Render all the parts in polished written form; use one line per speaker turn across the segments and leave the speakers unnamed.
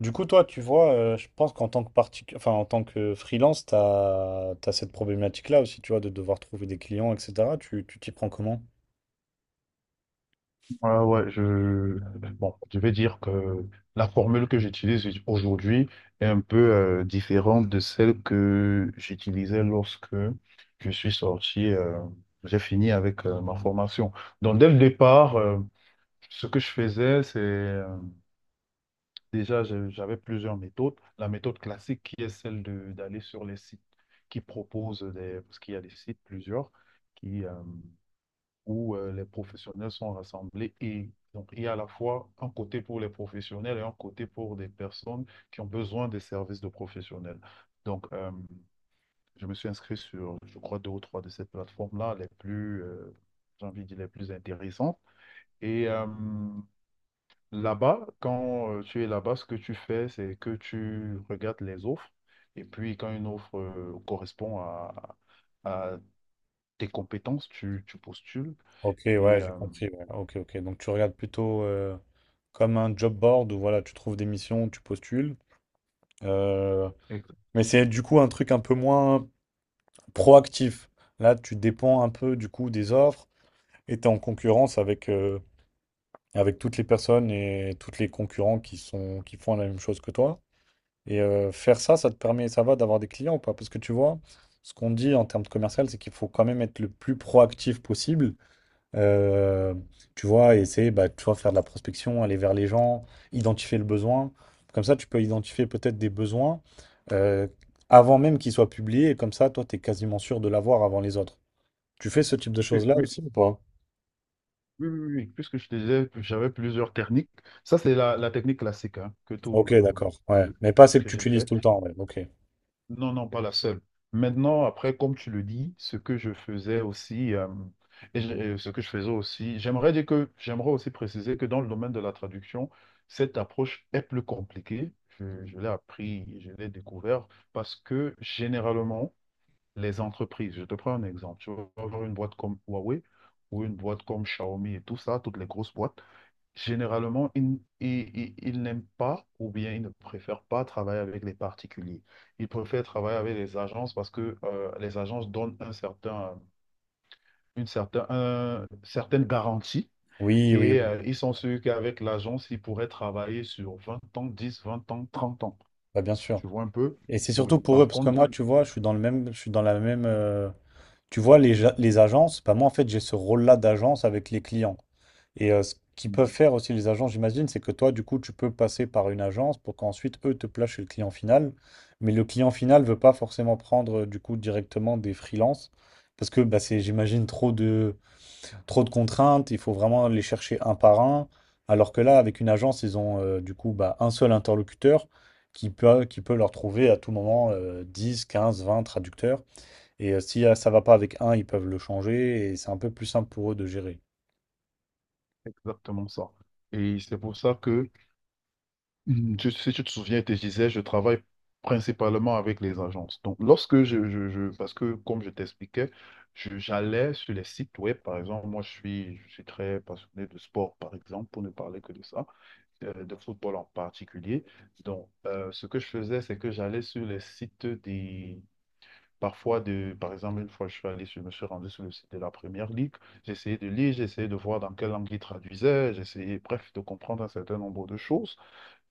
Du coup, toi, tu vois, je pense qu'en tant que particu- enfin, en tant que freelance, tu as, cette problématique-là aussi, tu vois, de devoir trouver des clients, etc. Tu t'y prends comment?
Ouais, ouais. Bon, je vais dire que la formule que j'utilise aujourd'hui est un peu différente de celle que j'utilisais lorsque je suis sorti, j'ai fini avec ma formation. Donc, dès le départ, ce que je faisais, c'est déjà, j'avais plusieurs méthodes. La méthode classique qui est celle de d'aller sur les sites qui proposent des... Parce qu'il y a des sites, plusieurs, qui... euh, où les professionnels sont rassemblés, et donc il y a à la fois un côté pour les professionnels et un côté pour des personnes qui ont besoin des services de professionnels. Donc je me suis inscrit sur, je crois, deux ou trois de ces plateformes-là, les plus, j'ai envie de dire, les plus intéressantes. Et là-bas, quand tu es là-bas, ce que tu fais, c'est que tu regardes les offres. Et puis, quand une offre correspond à tes compétences, tu postules.
Ok, ouais,
Et,
j'ai
euh,
compris. Ouais. Ok, ok. Donc, tu regardes plutôt comme un job board où, voilà, tu trouves des missions, tu postules. Euh,
et.
mais c'est du coup un truc un peu moins proactif. Là, tu dépends un peu du coup des offres et tu es en concurrence avec, avec toutes les personnes et tous les concurrents qui font la même chose que toi. Et faire ça, ça te permet, ça va d'avoir des clients ou pas? Parce que tu vois, ce qu'on dit en termes de commercial, c'est qu'il faut quand même être le plus proactif possible. Euh, tu vois, essayer, bah, tu vois, faire de la prospection, aller vers les gens, identifier le besoin. Comme ça, tu peux identifier peut-être des besoins euh, avant même qu'ils soient publiés. Et comme ça, toi, tu es quasiment sûr de l'avoir avant les autres. Tu fais ce type de
Oui,
choses-là
oui,
aussi ou pas?
oui, oui, oui. Puisque je te disais que j'avais plusieurs techniques. Ça, c'est la technique classique, hein, que, tout,
Ok,
bon,
d'accord.
que,
Ouais.
je-
Mais pas celle
que
que tu
j'ai
utilises
faite.
tout le temps. Ouais, ok.
Non, non, pas la seule. Maintenant, après, comme tu le dis, ce que je faisais aussi, ce que je faisais aussi, j'aimerais aussi préciser que dans le domaine de la traduction, cette approche est plus compliquée. Je l'ai appris, je l'ai découvert parce que généralement, les entreprises. Je te prends un exemple. Tu vas avoir une boîte comme Huawei ou une boîte comme Xiaomi et tout ça, toutes les grosses boîtes. Généralement, ils n'aiment pas, ou bien ils ne préfèrent pas travailler avec les particuliers. Ils préfèrent travailler avec les agences parce que les agences donnent une certaine garantie.
Oui, oui,
Et
oui.
ils sont sûrs qu'avec l'agence, ils pourraient travailler sur 20 ans, 10, 20 ans, 30 ans.
Bah, bien sûr.
Tu vois un peu?
Et c'est
Oui.
surtout pour eux,
Par
parce que
contre,
moi, tu vois, je suis dans le même, je suis dans la même. Tu vois, les agences, bah moi, en fait, j'ai ce rôle-là d'agence avec les clients. Et ce qu'ils peuvent faire aussi, les agences, j'imagine, c'est que toi, du coup, tu peux passer par une agence pour qu'ensuite, eux, te placent chez le client final. Mais le client final ne veut pas forcément prendre, du coup, directement des freelances, parce que bah, c'est, j'imagine, trop de contraintes, il faut vraiment les chercher un par un. Alors que là, avec une agence, ils ont du coup bah, un seul interlocuteur qui peut leur trouver à tout moment 10, 15, 20 traducteurs. Et si ça va pas avec un, ils peuvent le changer et c'est un peu plus simple pour eux de gérer.
exactement ça. Et c'est pour ça que si tu te souviens, je te disais, je travaille principalement avec les agences. Donc, lorsque parce que comme je t'expliquais, j'allais sur les sites web, par exemple, moi je suis très passionné de sport, par exemple, pour ne parler que de ça, de football en particulier. Donc, ce que je faisais, c'est que j'allais sur les sites des, parfois de, par exemple, une fois je suis allé, je me suis rendu sur le site de la Première Ligue, j'essayais de lire, j'essayais de voir dans quelle langue ils traduisaient, j'essayais, bref, de comprendre un certain nombre de choses.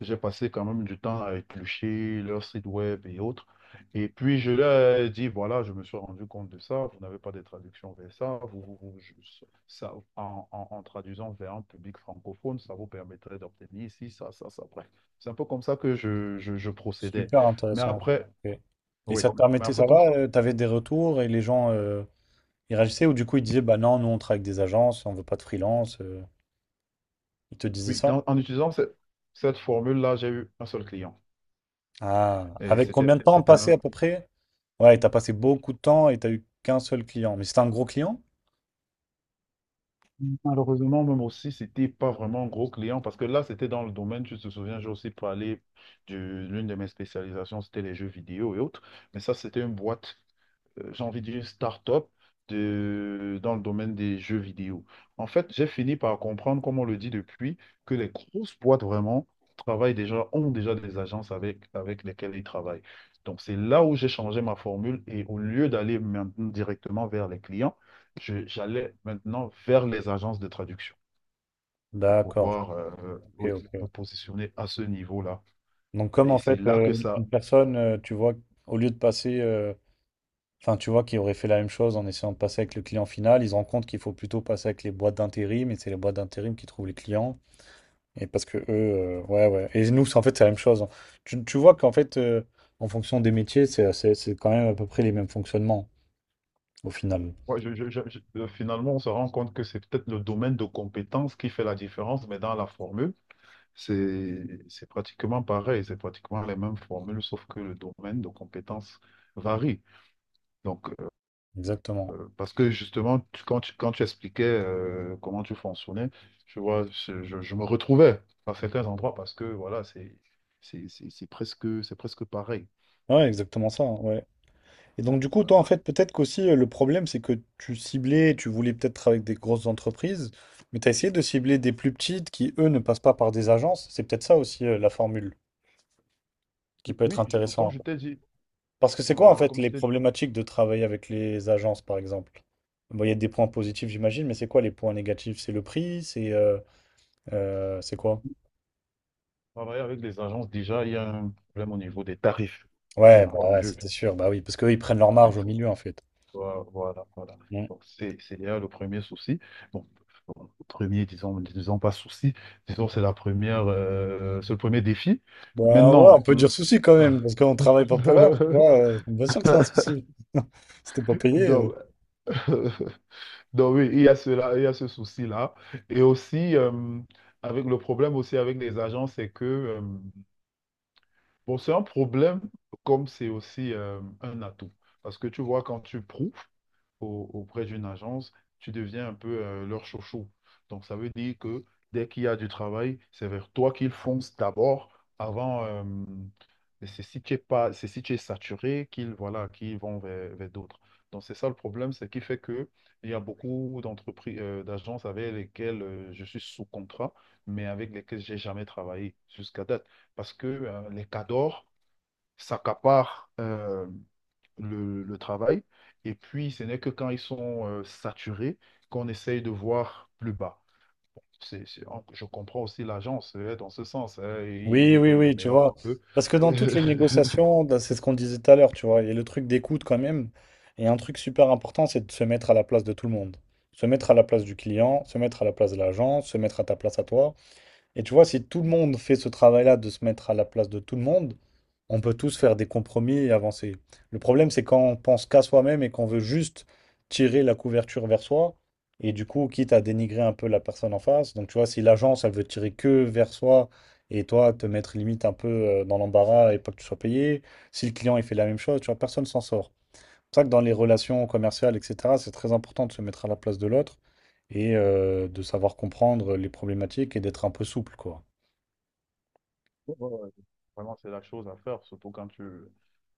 J'ai passé quand même du temps à éplucher leur site web et autres. Et puis, je leur ai dit, voilà, je me suis rendu compte de ça. Vous n'avez pas de traduction vers ça. En traduisant vers un public francophone, ça vous permettrait d'obtenir ici, ça, ça, ça. Bref, c'est un peu comme ça que je procédais.
Super
Mais
intéressant.
après,
Ok. Et
oui,
ça te
mais
permettait,
après,
ça
comme je-
va? Tu avais des retours et les gens ils réagissaient ou du coup ils disaient bah non, nous on travaille avec des agences, on veut pas de freelance. Ils te disaient
oui,
ça?
en utilisant cette formule-là, j'ai eu un seul client.
Ah,
Et
avec
c'était,
combien de temps
c'était
passé
même
à peu près? Ouais, t'as passé beaucoup de temps et t'as eu qu'un seul client. Mais c'était un gros client?
Malheureusement, même aussi, c'était pas vraiment un gros client parce que là, c'était dans le domaine, tu te souviens, j'ai aussi parlé de l'une de mes spécialisations, c'était les jeux vidéo et autres, mais ça, c'était une boîte j'ai envie de dire, une start-up dans le domaine des jeux vidéo. En fait, j'ai fini par comprendre, comme on le dit depuis, que les grosses boîtes vraiment travaillent déjà, ont déjà des agences avec, avec lesquelles ils travaillent. Donc, c'est là où j'ai changé ma formule, et au lieu d'aller maintenant directement vers les clients, j'allais maintenant vers les agences de traduction pour
D'accord.
pouvoir
Ok,
oui, me
ok.
positionner à ce niveau-là.
Donc comme
Et
en
c'est
fait
là que
une
ça
personne, tu vois, au lieu de passer enfin, tu vois, qui auraient fait la même chose en essayant de passer avec le client final. Ils se rendent compte qu'il faut plutôt passer avec les boîtes d'intérim, et c'est les boîtes d'intérim qui trouvent les clients. Et parce que eux, ouais, ouais. Et nous, en fait, c'est la même chose. Hein. Tu vois qu'en fait, en fonction des métiers, c'est quand même à peu près les mêmes fonctionnements, au final.
Finalement, on se rend compte que c'est peut-être le domaine de compétence qui fait la différence, mais dans la formule, c'est pratiquement pareil, c'est pratiquement les mêmes formules, sauf que le domaine de compétence varie. Donc,
Exactement.
parce que justement, quand tu expliquais comment tu fonctionnais, je vois, je me retrouvais à certains endroits parce que voilà, c'est presque pareil.
Ouais, exactement ça. Hein, ouais. Et donc, du coup,
Voilà.
toi, en fait, peut-être qu'aussi, le problème, c'est que tu ciblais, tu voulais peut-être travailler avec des grosses entreprises, mais tu as essayé de cibler des plus petites qui, eux, ne passent pas par des agences. C'est peut-être ça aussi, la formule, qui peut être
Oui, comme
intéressant.
je t'ai dit,
Parce que c'est quoi en
euh,
fait
comme
les
je t'ai dit,
problématiques de travailler avec les agences par exemple? Bon, il y a des points positifs j'imagine, mais c'est quoi les points négatifs? C'est le prix? C'est quoi?
travailler avec les agences, déjà, il y a un problème au niveau des tarifs,
Ouais,
bien
bah ouais,
entendu.
c'était sûr, bah oui, parce qu'eux ils prennent leur marge au
Oui.
milieu en fait.
Voilà.
Mm.
Donc, c'est déjà le premier souci. Bon, bon, premier, disons pas souci, disons, c'est c'est le premier défi.
Bah ouais, on
Maintenant,
peut dire souci quand même, parce qu'on travaille pas pour rien, tu vois. Bien sûr que c'est un souci. C'était pas payé.
donc, donc oui, il y a cela, il y a ce souci-là. Et aussi, avec le problème aussi avec les agents, c'est que, c'est un problème comme c'est aussi un atout. Parce que tu vois, quand tu prouves, auprès d'une agence, tu deviens un peu leur chouchou. Donc, ça veut dire que dès qu'il y a du travail, c'est vers toi qu'ils foncent d'abord avant. C'est si tu es pas, c'est si tu es saturé qu'ils voilà, qu'ils vont vers, vers d'autres. Donc, c'est ça le problème, c'est qui fait que il y a beaucoup d'entreprises, d'agences avec lesquelles je suis sous contrat, mais avec lesquelles j'ai jamais travaillé jusqu'à date. Parce que les cadors s'accaparent le travail. Et puis, ce n'est que quand ils sont saturés qu'on essaye de voir plus bas. Je comprends aussi l'agence dans ce sens, hein,
Oui,
ils
oui,
veulent le
oui, tu
meilleur
vois.
pour eux.
Parce que dans toutes les négociations, c'est ce qu'on disait tout à l'heure, tu vois, il y a le truc d'écoute quand même. Et un truc super important, c'est de se mettre à la place de tout le monde. Se mettre à la place du client, se mettre à la place de l'agent, se mettre à ta place à toi. Et tu vois, si tout le monde fait ce travail-là de se mettre à la place de tout le monde, on peut tous faire des compromis et avancer. Le problème, c'est quand on pense qu'à soi-même et qu'on veut juste tirer la couverture vers soi, et du coup, quitte à dénigrer un peu la personne en face. Donc, tu vois, si l'agence, elle veut tirer que vers soi, et toi, te mettre limite un peu dans l'embarras et pas que tu sois payé, si le client, il fait la même chose, tu vois, personne s'en sort. C'est vrai que dans les relations commerciales, etc., c'est très important de se mettre à la place de l'autre et de savoir comprendre les problématiques et d'être un peu souple, quoi.
Ouais, ouais, vraiment, c'est la chose à faire, surtout quand tu,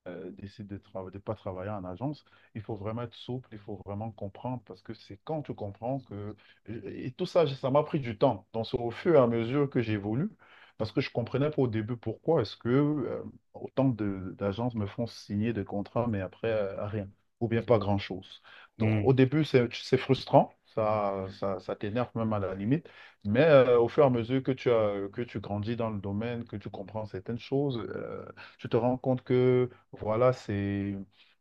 euh, décide de pas travailler en agence, il faut vraiment être souple, il faut vraiment comprendre, parce que c'est quand tu comprends que... Et tout ça, ça m'a pris du temps. Donc, c'est au fur et à mesure que j'évolue, parce que je comprenais pas au début pourquoi est-ce que autant d'agences me font signer des contrats, mais après, rien, ou bien pas grand-chose. Donc,
Hmm.
au début, c'est frustrant. Ça t'énerve même à la limite, mais au fur et à mesure que que tu grandis dans le domaine, que tu comprends certaines choses, tu te rends compte que voilà, c'est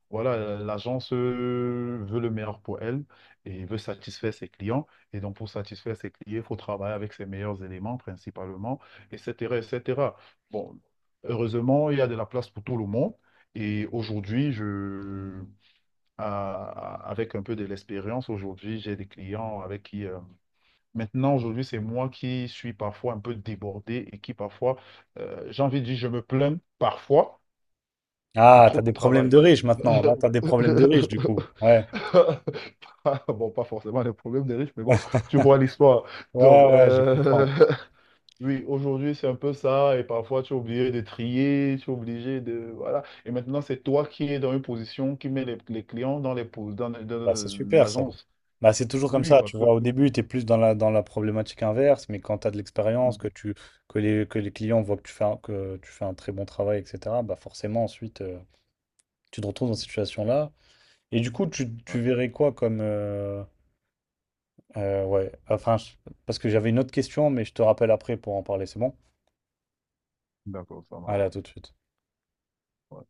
voilà, l'agence veut le meilleur pour elle et veut satisfaire ses clients. Et donc, pour satisfaire ses clients, il faut travailler avec ses meilleurs éléments principalement, et cetera et cetera. Bon, heureusement, il y a de la place pour tout le monde. Et aujourd'hui, avec un peu de l'expérience, aujourd'hui, j'ai des clients avec qui aujourd'hui, c'est moi qui suis parfois un peu débordé et qui parfois, j'ai envie de dire, je me plains parfois de
Ah,
trop
t'as
de
des problèmes
travail.
de riches maintenant. Là, t'as des problèmes de riches, du coup. Ouais,
Bon, pas forcément des problèmes des riches, mais bon, tu vois l'histoire. Donc,
ouais, ouais, je comprends.
oui, aujourd'hui, c'est un peu ça. Et parfois, tu es obligé de trier, tu es obligé de... Voilà. Et maintenant, c'est toi qui es dans une position qui met les clients dans
Bah, c'est
dans
super, ça.
l'agence.
Bah, c'est toujours comme
Oui,
ça,
parce
tu
que...
vois. Au début, tu es plus dans la problématique inverse, mais quand tu as de l'expérience, que
Mhm.
tu, que les clients voient que tu fais un très bon travail, etc., bah forcément, ensuite, tu te retrouves dans cette situation-là. Et du coup, tu
Ouais,
verrais quoi comme. Ouais, enfin, parce que j'avais une autre question, mais je te rappelle après pour en parler, c'est bon?
d'accord, ça
Allez, à
marche.
tout de suite.
Ouais.